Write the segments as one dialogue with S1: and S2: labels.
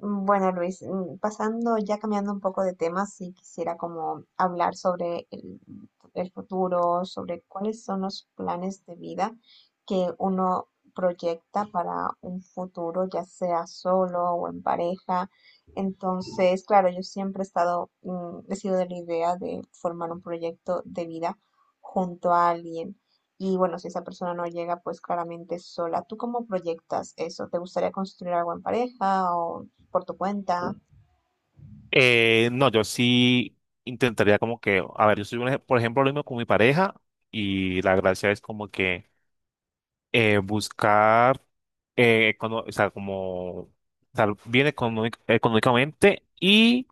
S1: Bueno, Luis, pasando, ya cambiando un poco de tema, sí quisiera como hablar sobre el futuro, sobre cuáles son los planes de vida que uno proyecta para un futuro, ya sea solo o en pareja. Entonces, claro, yo siempre he estado, he sido de la idea de formar un proyecto de vida junto a alguien. Y bueno, si esa persona no llega, pues claramente sola. ¿Tú cómo proyectas eso? ¿Te gustaría construir algo en pareja o por tu cuenta?
S2: No, yo sí intentaría a ver, yo soy, un ej- por ejemplo, lo mismo con mi pareja y la gracia es como que buscar, o sea, como estar bien económicamente y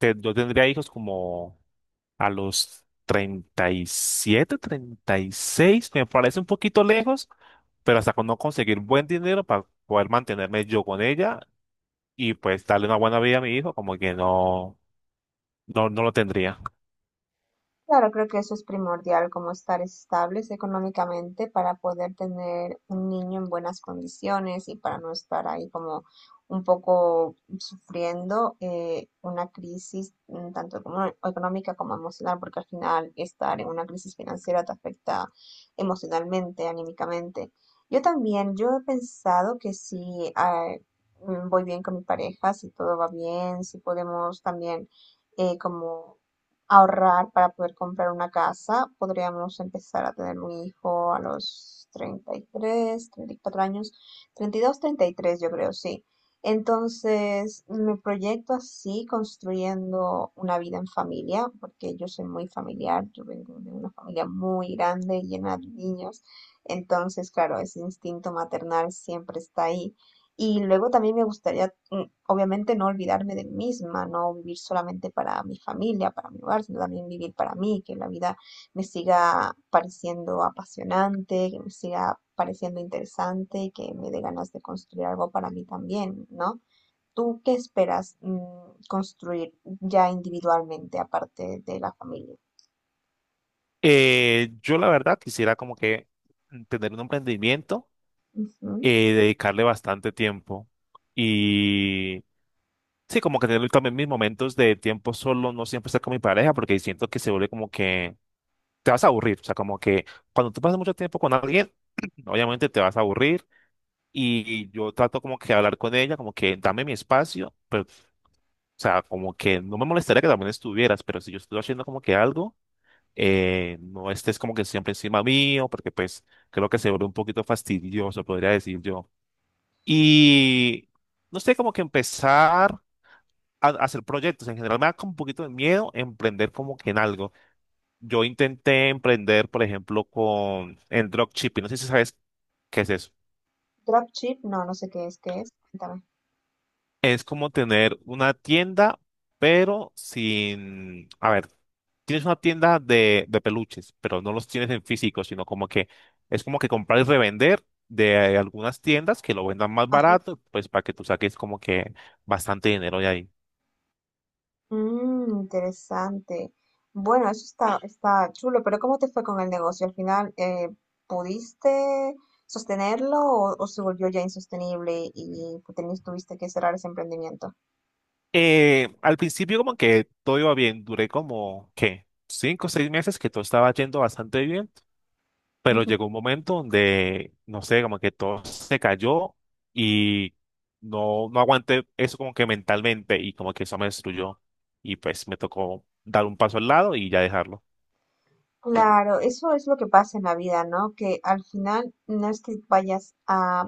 S2: yo tendría hijos como a los 37, 36, me parece un poquito lejos, pero hasta con no conseguir buen dinero para poder mantenerme yo con ella y pues darle una buena vida a mi hijo, como que no lo tendría.
S1: Claro, creo que eso es primordial, como estar estables económicamente para poder tener un niño en buenas condiciones y para no estar ahí como un poco sufriendo una crisis, tanto como económica como emocional, porque al final estar en una crisis financiera te afecta emocionalmente, anímicamente. Yo también, yo he pensado que si voy bien con mi pareja, si todo va bien, si podemos también como ahorrar para poder comprar una casa. Podríamos empezar a tener un hijo a los 30, 33, 34 años, 30, 32, 33 yo creo, sí. Entonces, me proyecto así construyendo una vida en familia, porque yo soy muy familiar, yo vengo de una familia muy grande, llena de niños. Entonces, claro, ese instinto maternal siempre está ahí. Y luego también me gustaría, obviamente, no olvidarme de mí misma, no vivir solamente para mi familia, para mi hogar, sino también vivir para mí, que la vida me siga pareciendo apasionante, que me siga pareciendo interesante y que me dé ganas de construir algo para mí también, ¿no? ¿Tú qué esperas construir ya individualmente, aparte de la familia?
S2: Yo la verdad quisiera como que tener un emprendimiento,
S1: Ujú.
S2: dedicarle bastante tiempo y sí, como que tener también mis momentos de tiempo solo, no siempre estar con mi pareja porque siento que se vuelve como que te vas a aburrir, o sea, como que cuando tú pasas mucho tiempo con alguien, obviamente te vas a aburrir y yo trato como que hablar con ella, como que dame mi espacio, o sea, como que no me molestaría que también estuvieras, pero si yo estoy haciendo como que algo, no estés como que siempre encima mío, porque pues creo que se vuelve un poquito fastidioso, podría decir yo. Y no sé, como que empezar a hacer proyectos. En general me da como un poquito de miedo emprender como que en algo. Yo intenté emprender, por ejemplo, con en dropshipping. No sé si sabes qué es eso.
S1: Dropship, no, no sé qué es, qué es. Cuéntame.
S2: Es como tener una tienda, pero sin, a ver, tienes una tienda de peluches, pero no los tienes en físico, sino como que es como que comprar y revender de algunas tiendas que lo vendan más barato, pues para que tú saques como que bastante dinero de ahí.
S1: Interesante. Bueno, eso está, está chulo, pero ¿cómo te fue con el negocio? ¿Al final pudiste sostenerlo o se volvió ya insostenible y pues, tuviste que cerrar ese emprendimiento?
S2: Al principio como que todo iba bien, duré como, ¿qué? 5 o 6 meses que todo estaba yendo bastante bien, pero llegó un momento donde, no sé, como que todo se cayó y no aguanté eso como que mentalmente y como que eso me destruyó y pues me tocó dar un paso al lado y ya dejarlo.
S1: Claro, eso es lo que pasa en la vida, ¿no? Que al final no es que vayas a,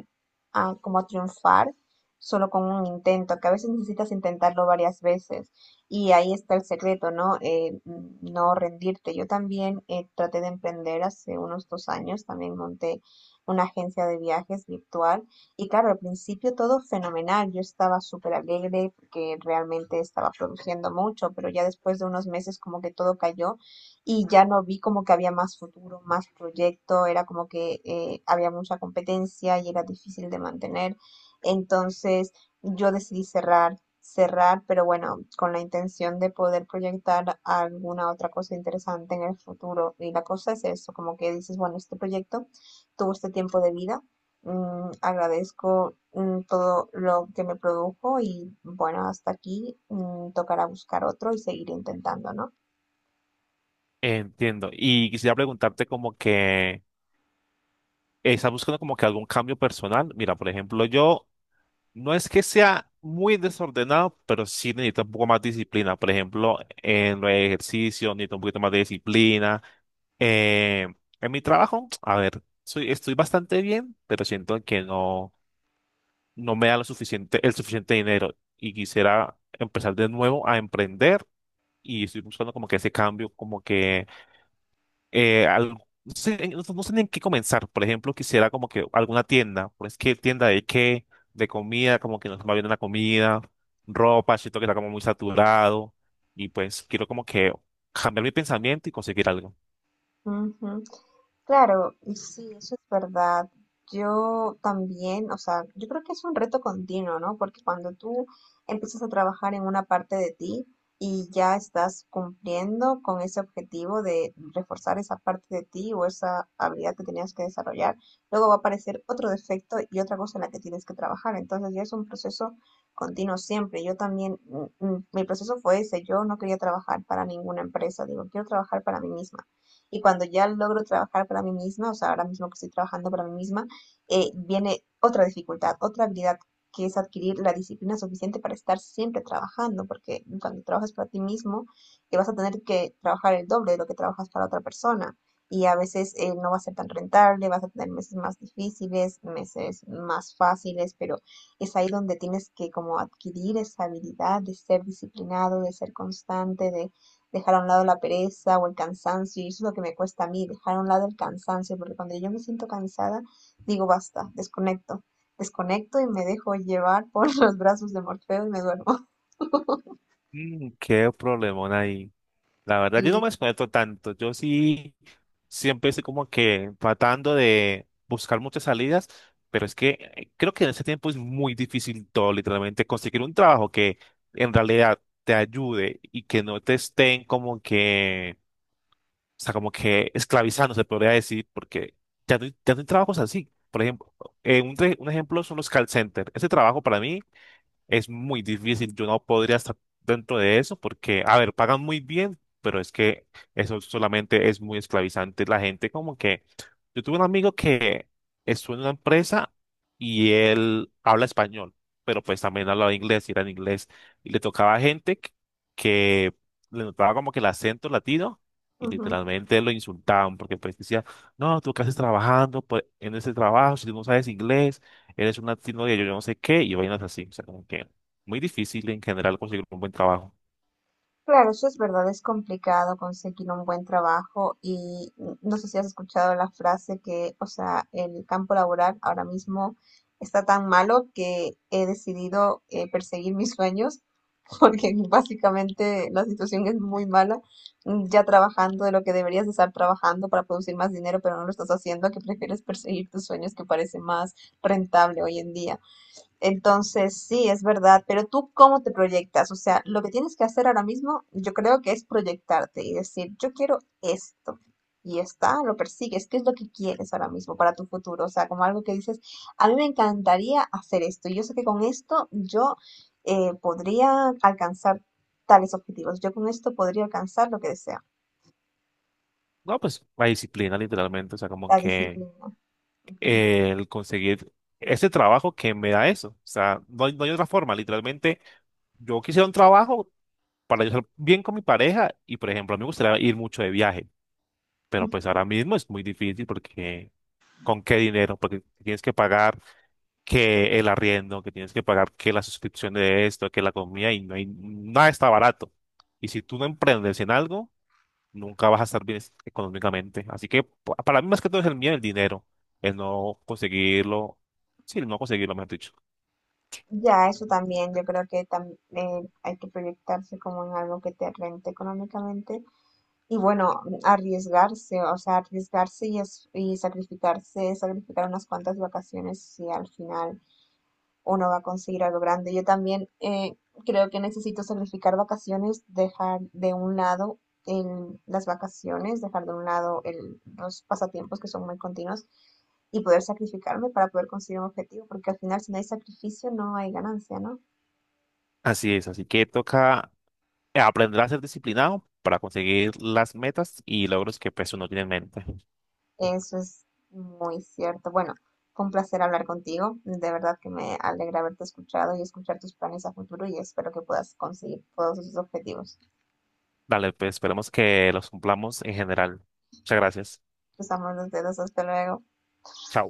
S1: a como a triunfar solo con un intento, que a veces necesitas intentarlo varias veces. Y ahí está el secreto, ¿no? No rendirte. Yo también traté de emprender hace unos 2 años, también monté una agencia de viajes virtual. Y claro, al principio todo fenomenal. Yo estaba súper alegre porque realmente estaba produciendo mucho, pero ya después de unos meses como que todo cayó y ya no vi como que había más futuro, más proyecto, era como que había mucha competencia y era difícil de mantener. Entonces yo decidí cerrar, cerrar, pero bueno, con la intención de poder proyectar alguna otra cosa interesante en el futuro. Y la cosa es eso, como que dices, bueno, este proyecto tuvo este tiempo de vida. Agradezco todo lo que me produjo y bueno, hasta aquí, tocará buscar otro y seguir intentando, ¿no?
S2: Entiendo. Y quisiera preguntarte como que, ¿estás buscando como que algún cambio personal? Mira, por ejemplo, yo no es que sea muy desordenado, pero sí necesita un poco más disciplina. Por ejemplo, en los ejercicios necesito un poquito más de disciplina. Eh, en mi trabajo, a ver, estoy bastante bien, pero siento que no me da lo suficiente, el suficiente dinero y quisiera empezar de nuevo a emprender y estoy buscando como que ese cambio, como que eh, al- no sé, no sé ni en qué comenzar. Por ejemplo, quisiera como que alguna tienda, pues qué tienda de qué, de comida, como que no se me viene la comida, ropa, siento que está como muy saturado y pues quiero como que cambiar mi pensamiento y conseguir algo.
S1: Ujú. Claro, y sí, eso es verdad. Yo también, o sea, yo creo que es un reto continuo, ¿no? Porque cuando tú empiezas a trabajar en una parte de ti y ya estás cumpliendo con ese objetivo de reforzar esa parte de ti o esa habilidad que tenías que desarrollar, luego va a aparecer otro defecto y otra cosa en la que tienes que trabajar. Entonces ya es un proceso continuo siempre. Yo también, mi proceso fue ese, yo no quería trabajar para ninguna empresa, digo, quiero trabajar para mí misma. Y cuando ya logro trabajar para mí misma, o sea, ahora mismo que estoy trabajando para mí misma, viene otra dificultad, otra habilidad que es adquirir la disciplina suficiente para estar siempre trabajando, porque cuando trabajas para ti mismo, vas a tener que trabajar el doble de lo que trabajas para otra persona. Y a veces no va a ser tan rentable, vas a tener meses más difíciles, meses más fáciles, pero es ahí donde tienes que como adquirir esa habilidad de ser disciplinado, de ser constante, de dejar a un lado la pereza o el cansancio, y eso es lo que me cuesta a mí, dejar a un lado el cansancio, porque cuando yo me siento cansada, digo basta, desconecto, desconecto y me dejo llevar por los brazos de Morfeo y me duermo.
S2: Mm, qué problemón ahí. La verdad,
S1: Sí.
S2: yo no me desconecto tanto. Yo sí siempre estoy como que tratando de buscar muchas salidas, pero es que creo que en este tiempo es muy difícil todo, literalmente, conseguir un trabajo que en realidad te ayude y que no te estén o sea, como que esclavizando, se podría decir, porque ya no hay trabajos así. Por ejemplo, un ejemplo son los call centers. Ese trabajo para mí es muy difícil. Yo no podría estar dentro de eso porque, a ver, pagan muy bien, pero es que eso solamente es muy esclavizante. La gente como que... Yo tuve un amigo que estuvo en una empresa y él habla español, pero pues también hablaba inglés y era en inglés. Y le tocaba gente que le notaba como que el acento latino y
S1: Ujú.
S2: literalmente lo insultaban porque pues decía, no, tú qué haces trabajando pues, en ese trabajo si tú no sabes inglés eres una tecnología, yo no sé qué, y vainas así. O sea, como que muy difícil en general conseguir un buen trabajo.
S1: Claro, eso es verdad, es complicado conseguir un buen trabajo y no sé si has escuchado la frase que, o sea, el campo laboral ahora mismo está tan malo que he decidido perseguir mis sueños porque básicamente la situación es muy mala, ya trabajando de lo que deberías de estar trabajando para producir más dinero, pero no lo estás haciendo, que prefieres perseguir tus sueños que parece más rentable hoy en día. Entonces, sí, es verdad, pero tú cómo te proyectas, o sea, lo que tienes que hacer ahora mismo, yo creo que es proyectarte y decir, yo quiero esto. Y está, lo persigues, ¿qué es lo que quieres ahora mismo para tu futuro? O sea, como algo que dices, a mí me encantaría hacer esto. Y yo sé que con esto yo podría alcanzar tales objetivos. Yo con esto podría alcanzar lo que deseo.
S2: No, pues la disciplina literalmente, o sea, como
S1: La
S2: que
S1: disciplina. Ujú.
S2: el conseguir ese trabajo que me da eso. O sea, no hay otra forma, literalmente yo quisiera un trabajo para yo ser bien con mi pareja y, por ejemplo, a mí me gustaría ir mucho de viaje, pero pues ahora mismo es muy difícil porque ¿con qué dinero? Porque tienes que pagar que el arriendo, que tienes que pagar, que la suscripción de esto, que la comida, y nada está barato. Y si tú no emprendes en algo, nunca vas a estar bien económicamente. Así que para mí más que todo es el miedo, el dinero, el no conseguirlo, sí, el no conseguirlo, mejor dicho.
S1: Ya, eso también, yo creo que hay que proyectarse como en algo que te rente económicamente. Y bueno, arriesgarse, o sea, arriesgarse y sacrificarse, sacrificar unas cuantas vacaciones si al final uno va a conseguir algo grande. Yo también creo que necesito sacrificar vacaciones, dejar de un lado las vacaciones, dejar de un lado los pasatiempos que son muy continuos y poder sacrificarme para poder conseguir un objetivo, porque al final si no hay sacrificio no hay ganancia, ¿no?
S2: Así es, así que toca aprender a ser disciplinado para conseguir las metas y logros que pues uno tiene en mente.
S1: Eso es muy cierto. Bueno, fue un placer hablar contigo. De verdad que me alegra haberte escuchado y escuchar tus planes a futuro y espero que puedas conseguir todos tus objetivos.
S2: Dale, pues esperemos que los cumplamos en general. Muchas gracias.
S1: Cruzamos los dedos. Hasta luego.
S2: Chao.